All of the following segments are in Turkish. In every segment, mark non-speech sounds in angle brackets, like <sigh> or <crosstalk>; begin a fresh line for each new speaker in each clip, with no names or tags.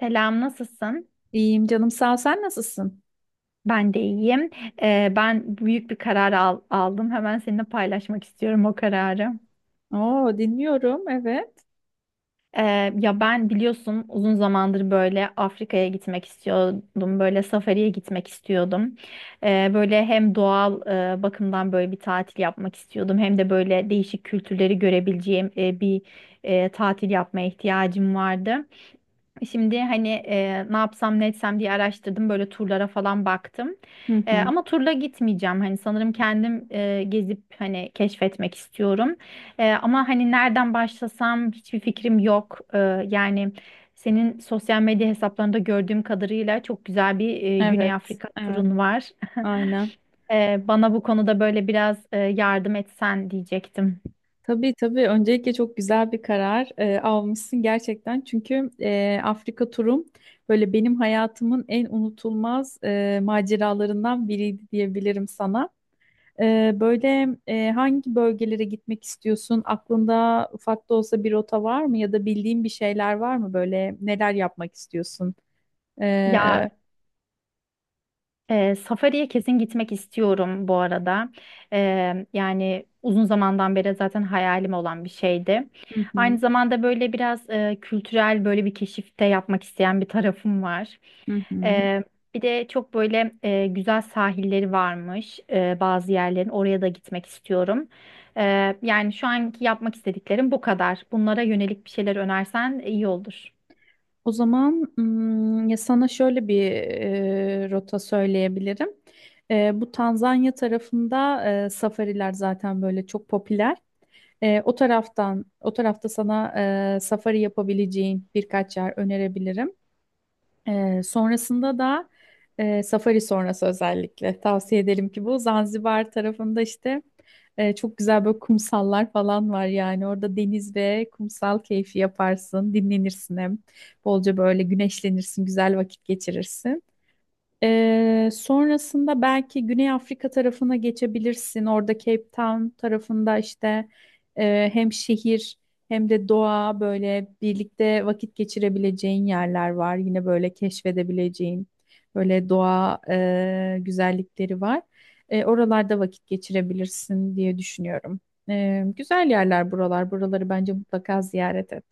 Selam, nasılsın?
İyiyim canım sağ ol. Sen nasılsın?
Ben de iyiyim. Ben büyük bir karar aldım. Hemen seninle paylaşmak istiyorum o kararı.
Oo, dinliyorum. Evet.
Ee, Ya, ben biliyorsun uzun zamandır böyle Afrika'ya gitmek istiyordum. Böyle safariye gitmek istiyordum. Böyle hem doğal bakımdan böyle bir tatil yapmak istiyordum. Hem de böyle değişik kültürleri görebileceğim bir tatil yapmaya ihtiyacım vardı. Şimdi hani ne yapsam ne etsem diye araştırdım, böyle turlara falan baktım.
Hı hı.
Ama turla gitmeyeceğim. Hani sanırım kendim gezip hani keşfetmek istiyorum. Ama hani nereden başlasam hiçbir fikrim yok. Yani senin sosyal medya hesaplarında gördüğüm kadarıyla çok güzel bir Güney
Evet.
Afrika
Evet.
turun var. <laughs>
Aynen.
Bana bu konuda böyle biraz yardım etsen diyecektim.
Tabii, tabii. Öncelikle çok güzel bir karar almışsın gerçekten. Çünkü Afrika turum böyle benim hayatımın en unutulmaz maceralarından biriydi diyebilirim sana. Böyle hangi bölgelere gitmek istiyorsun? Aklında ufak da olsa bir rota var mı? Ya da bildiğin bir şeyler var mı? Böyle neler yapmak istiyorsun?
Ya
E,
Ee, Safari'ye kesin gitmek istiyorum bu arada. Yani uzun zamandan beri zaten hayalim olan bir şeydi.
Hı
Aynı
hı.
zamanda böyle biraz kültürel böyle bir keşifte yapmak isteyen bir tarafım var.
Hı hı.
Ee, Bir de çok böyle güzel sahilleri varmış bazı yerlerin. Oraya da gitmek istiyorum. Yani şu anki yapmak istediklerim bu kadar. Bunlara yönelik bir şeyler önersen iyi olur.
O zaman ya sana şöyle bir rota söyleyebilirim. Bu Tanzanya tarafında safariler zaten böyle çok popüler. O taraftan, o tarafta sana safari yapabileceğin birkaç yer önerebilirim. Sonrasında da safari sonrası özellikle tavsiye edelim ki bu Zanzibar tarafında işte çok güzel böyle kumsallar falan var yani orada deniz ve kumsal keyfi yaparsın, dinlenirsin, hem bolca böyle güneşlenirsin, güzel vakit geçirirsin. Sonrasında belki Güney Afrika tarafına geçebilirsin. Orada Cape Town tarafında işte hem şehir hem de doğa böyle birlikte vakit geçirebileceğin yerler var. Yine böyle keşfedebileceğin böyle doğa güzellikleri var. Oralarda vakit geçirebilirsin diye düşünüyorum. Güzel yerler buralar. Buraları bence mutlaka ziyaret et.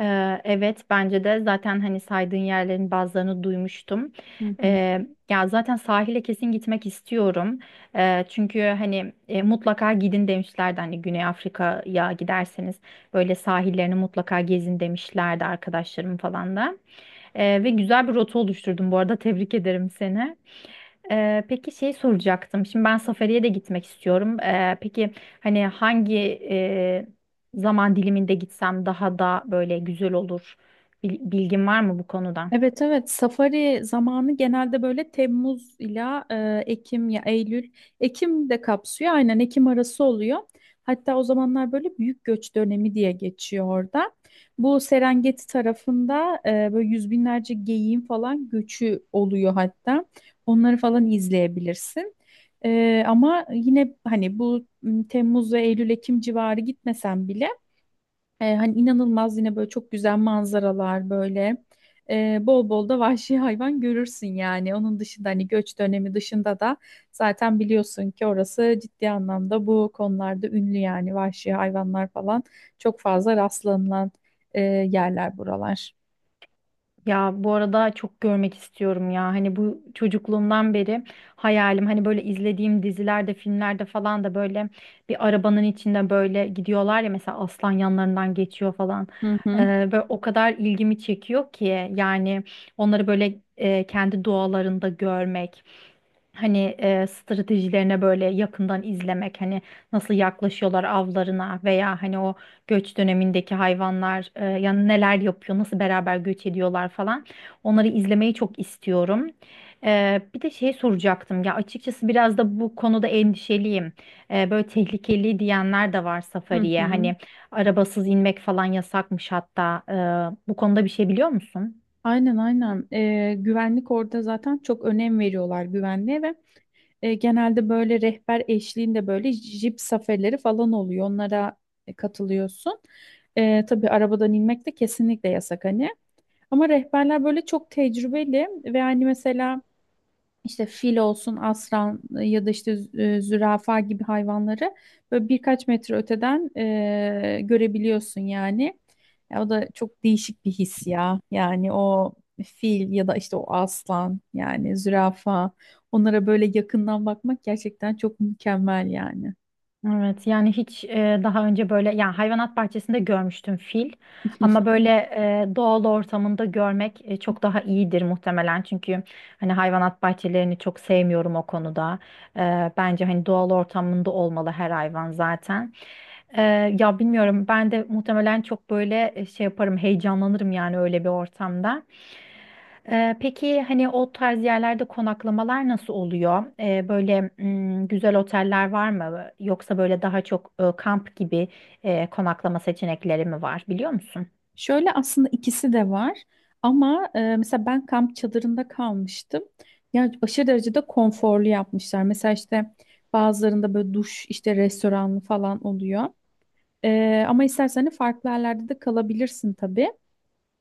Evet, bence de zaten hani saydığın yerlerin bazılarını duymuştum.
Hı hı.
Ya zaten sahile kesin gitmek istiyorum. Çünkü hani mutlaka gidin demişlerdi, hani Güney Afrika'ya giderseniz böyle sahillerini mutlaka gezin demişlerdi arkadaşlarım falan da. Ve güzel bir rota oluşturdum bu arada, tebrik ederim seni. Peki şey soracaktım. Şimdi ben Safari'ye de gitmek istiyorum. Peki hani hangi e, zaman diliminde gitsem daha da böyle güzel olur? Bilgin var mı bu konuda?
Evet, evet, safari zamanı genelde böyle Temmuz ila Ekim ya Eylül Ekim de kapsıyor, aynen Ekim arası oluyor. Hatta o zamanlar böyle büyük göç dönemi diye geçiyor orada. Bu Serengeti tarafında böyle yüz binlerce geyiğin falan göçü oluyor hatta. Onları falan izleyebilirsin. Ama yine hani bu Temmuz ve Eylül Ekim civarı gitmesen bile hani inanılmaz, yine böyle çok güzel manzaralar böyle. Bol bol da vahşi hayvan görürsün yani. Onun dışında hani göç dönemi dışında da zaten biliyorsun ki orası ciddi anlamda bu konularda ünlü yani vahşi hayvanlar falan çok fazla rastlanılan yerler buralar.
Ya, bu arada çok görmek istiyorum ya. Hani bu çocukluğumdan beri hayalim, hani böyle izlediğim dizilerde, filmlerde falan da böyle bir arabanın içinde böyle gidiyorlar ya, mesela aslan yanlarından geçiyor falan.
Hı
Ee,
hı.
Böyle o kadar ilgimi çekiyor ki yani onları böyle kendi doğalarında görmek. Hani stratejilerine böyle yakından izlemek, hani nasıl yaklaşıyorlar avlarına, veya hani o göç dönemindeki hayvanlar yani neler yapıyor, nasıl beraber göç ediyorlar falan. Onları izlemeyi çok istiyorum. Bir de şey soracaktım ya, açıkçası biraz da bu konuda endişeliyim. Böyle tehlikeli diyenler de var
Hı
safariye.
hı.
Hani arabasız inmek falan yasakmış hatta. Bu konuda bir şey biliyor musun?
Aynen, aynen. Güvenlik orada zaten, çok önem veriyorlar güvenliğe. Ve genelde böyle rehber eşliğinde böyle jip safarileri falan oluyor. Onlara katılıyorsun. Tabii arabadan inmek de kesinlikle yasak hani. Ama rehberler böyle çok tecrübeli ve hani mesela işte fil olsun, aslan ya da işte zürafa gibi hayvanları böyle birkaç metre öteden görebiliyorsun yani. O da çok değişik bir his ya. Yani o fil ya da işte o aslan yani zürafa, onlara böyle yakından bakmak gerçekten çok mükemmel yani.
Evet, yani hiç daha önce böyle yani hayvanat bahçesinde görmüştüm fil, ama böyle doğal ortamında görmek çok daha iyidir muhtemelen, çünkü hani hayvanat bahçelerini çok sevmiyorum o konuda. Bence hani doğal ortamında olmalı her hayvan zaten. E, Ya, bilmiyorum, ben de muhtemelen çok böyle şey yaparım, heyecanlanırım yani öyle bir ortamda. Peki hani o tarz yerlerde konaklamalar nasıl oluyor? Böyle güzel oteller var mı? Yoksa böyle daha çok kamp gibi konaklama seçenekleri mi var, biliyor musun?
Şöyle, aslında ikisi de var ama mesela ben kamp çadırında kalmıştım. Yani aşırı derecede konforlu yapmışlar. Mesela işte bazılarında böyle duş, işte restoranlı falan oluyor. Ama istersen hani farklı yerlerde de kalabilirsin tabii.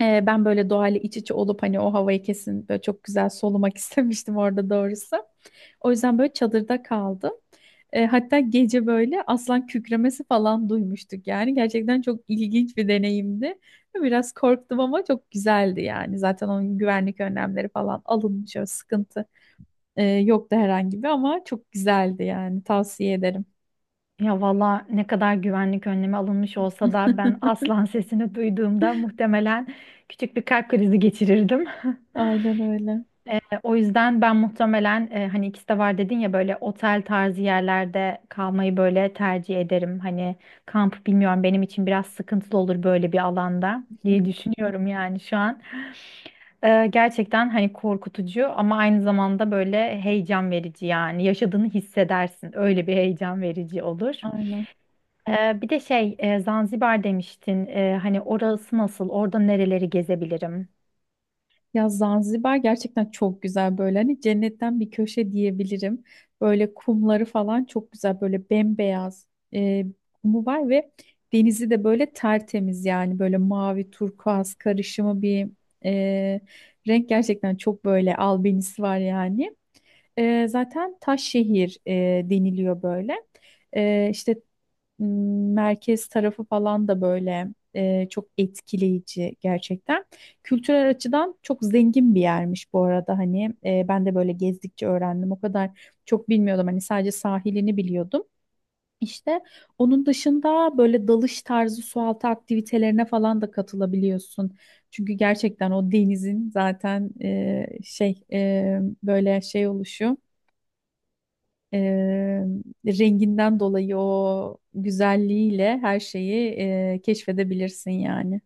Ben böyle doğayla iç içe olup hani o havayı kesin böyle çok güzel solumak <laughs> istemiştim orada doğrusu. O yüzden böyle çadırda kaldım. Hatta gece böyle aslan kükremesi falan duymuştuk yani. Gerçekten çok ilginç bir deneyimdi. Biraz korktum ama çok güzeldi yani. Zaten onun güvenlik önlemleri falan alınmış. Öyle sıkıntı yoktu herhangi bir, ama çok güzeldi yani. Tavsiye ederim.
Ya valla, ne kadar güvenlik önlemi alınmış olsa da ben
<laughs>
aslan <laughs> sesini duyduğumda muhtemelen küçük bir kalp krizi geçirirdim.
Aynen öyle.
O yüzden ben muhtemelen hani ikisi de var dedin ya, böyle otel tarzı yerlerde kalmayı böyle tercih ederim. Hani kamp bilmiyorum, benim için biraz sıkıntılı olur böyle bir alanda diye düşünüyorum yani şu an. Gerçekten hani korkutucu, ama aynı zamanda böyle heyecan verici yani, yaşadığını hissedersin. Öyle bir heyecan verici olur.
Aynen.
Bir de şey, Zanzibar demiştin. Hani orası nasıl, orada nereleri gezebilirim?
Ya Zanzibar gerçekten çok güzel, böyle hani cennetten bir köşe diyebilirim. Böyle kumları falan çok güzel, böyle bembeyaz e, kumu var ve denizi de böyle tertemiz yani böyle mavi turkuaz karışımı bir e, renk, gerçekten çok böyle albenisi var yani. Zaten taş şehir deniliyor böyle. E, işte m, merkez tarafı falan da böyle çok etkileyici gerçekten. Kültürel açıdan çok zengin bir yermiş bu arada hani, ben de böyle gezdikçe öğrendim. O kadar çok bilmiyordum hani, sadece sahilini biliyordum. İşte onun dışında böyle dalış tarzı sualtı aktivitelerine falan da katılabiliyorsun. Çünkü gerçekten o denizin zaten böyle şey oluşu. Eee, renginden dolayı o güzelliğiyle her şeyi keşfedebilirsin yani.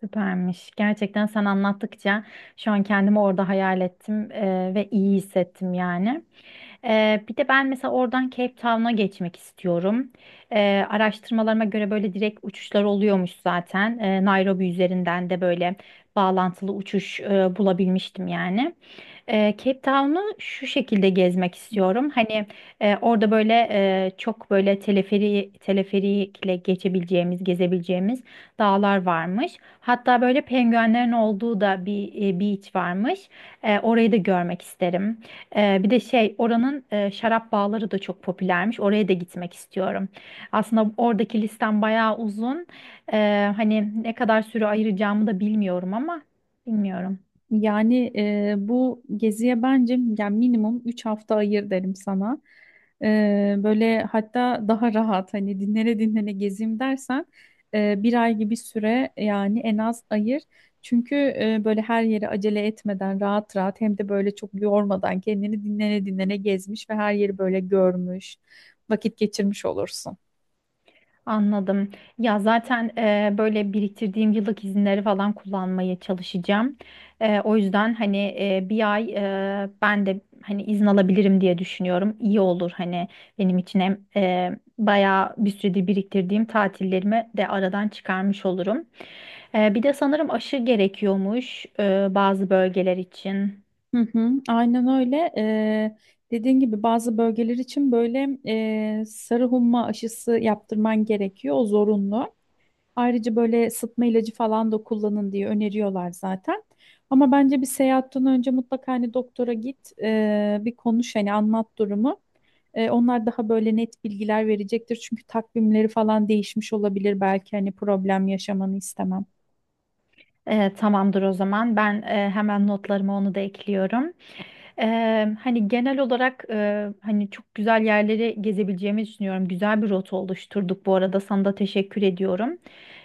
Süpermiş. Gerçekten sen anlattıkça şu an kendimi orada hayal ettim ve iyi hissettim yani. Bir de ben mesela oradan Cape Town'a geçmek istiyorum. Araştırmalarıma göre böyle direkt uçuşlar oluyormuş zaten. Nairobi üzerinden de böyle bağlantılı uçuş bulabilmiştim yani. Cape Town'u şu şekilde gezmek istiyorum. Hani orada böyle çok böyle teleferikle geçebileceğimiz, gezebileceğimiz dağlar varmış. Hatta böyle penguenlerin olduğu da bir beach varmış. Orayı da görmek isterim. Bir de şey, oranın şarap bağları da çok popülermiş. Oraya da gitmek istiyorum. Aslında oradaki listem bayağı uzun. Hani ne kadar süre ayıracağımı da bilmiyorum, ama bilmiyorum.
Yani bu geziye bence yani minimum 3 hafta ayır derim sana. Böyle hatta daha rahat hani, dinlene dinlene gezeyim dersen bir ay gibi süre yani en az ayır. Çünkü böyle her yere acele etmeden rahat rahat, hem de böyle çok yormadan kendini, dinlene dinlene gezmiş ve her yeri böyle görmüş, vakit geçirmiş olursun.
Anladım. Ya zaten böyle biriktirdiğim yıllık izinleri falan kullanmaya çalışacağım. O yüzden hani bir ay ben de hani izin alabilirim diye düşünüyorum. İyi olur hani benim için, hem bayağı bir süredir biriktirdiğim tatillerimi de aradan çıkarmış olurum. Bir de sanırım aşı gerekiyormuş bazı bölgeler için.
Hı hı, aynen öyle. Dediğin gibi bazı bölgeler için böyle sarı humma aşısı yaptırman gerekiyor. O zorunlu. Ayrıca böyle sıtma ilacı falan da kullanın diye öneriyorlar zaten. Ama bence bir seyahatten önce mutlaka hani doktora git, bir konuş, hani anlat durumu. Onlar daha böyle net bilgiler verecektir. Çünkü takvimleri falan değişmiş olabilir. Belki hani, problem yaşamanı istemem.
Tamamdır o zaman. Ben hemen notlarıma onu da ekliyorum. Hani genel olarak hani çok güzel yerleri gezebileceğimi düşünüyorum. Güzel bir rota oluşturduk bu arada, sana da teşekkür ediyorum.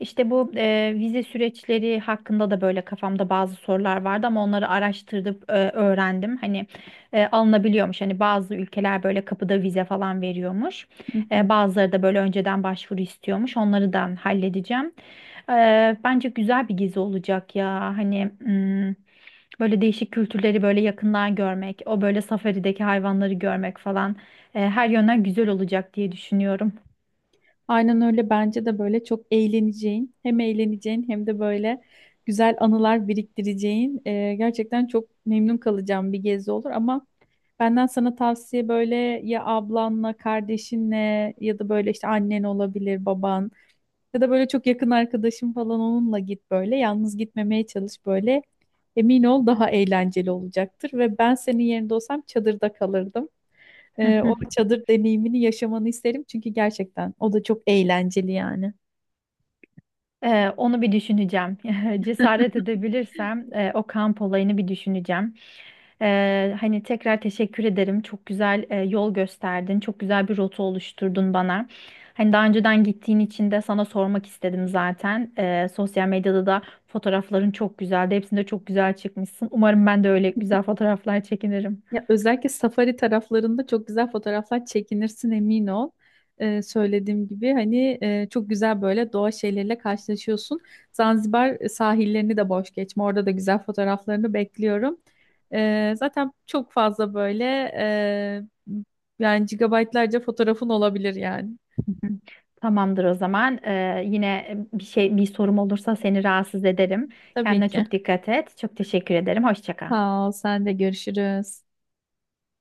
İşte bu vize süreçleri hakkında da böyle kafamda bazı sorular vardı, ama onları araştırdım, öğrendim. Hani alınabiliyormuş. Hani bazı ülkeler böyle kapıda vize falan veriyormuş.
Hı hı.
Bazıları da böyle önceden başvuru istiyormuş. Onları da halledeceğim. Bence güzel bir gezi olacak ya. Hani. Böyle değişik kültürleri böyle yakından görmek, o böyle safarideki hayvanları görmek falan, her yönden güzel olacak diye düşünüyorum.
Aynen öyle, bence de böyle çok eğleneceğin, hem eğleneceğin hem de böyle güzel anılar biriktireceğin gerçekten çok memnun kalacağım bir gezi olur. Ama benden sana tavsiye, böyle ya ablanla, kardeşinle ya da böyle işte annen olabilir, baban. Ya da böyle çok yakın arkadaşım falan, onunla git böyle. Yalnız gitmemeye çalış böyle. Emin ol, daha eğlenceli olacaktır. Ve ben senin yerinde olsam çadırda kalırdım. O
<laughs>
çadır deneyimini yaşamanı isterim. Çünkü gerçekten o da çok eğlenceli yani.
Onu bir düşüneceğim. <laughs> Cesaret edebilirsem o kamp olayını bir düşüneceğim. Hani tekrar teşekkür ederim. Çok güzel yol gösterdin. Çok güzel bir rota oluşturdun bana. Hani daha önceden gittiğin için de sana sormak istedim zaten. Sosyal medyada da fotoğrafların çok güzeldi. Hepsinde çok güzel çıkmışsın. Umarım ben de öyle güzel fotoğraflar çekinirim.
Ya özellikle safari taraflarında çok güzel fotoğraflar çekinirsin, emin ol. Söylediğim gibi hani çok güzel böyle doğa şeyleriyle karşılaşıyorsun. Zanzibar sahillerini de boş geçme. Orada da güzel fotoğraflarını bekliyorum. Zaten çok fazla böyle e, yani gigabaytlarca fotoğrafın olabilir yani.
Hı hı. Tamamdır o zaman. Yine bir sorum olursa seni rahatsız ederim.
Tabii
Kendine
ki.
çok dikkat et. Çok teşekkür ederim. Hoşça kal.
Sağ ol, sen de, görüşürüz.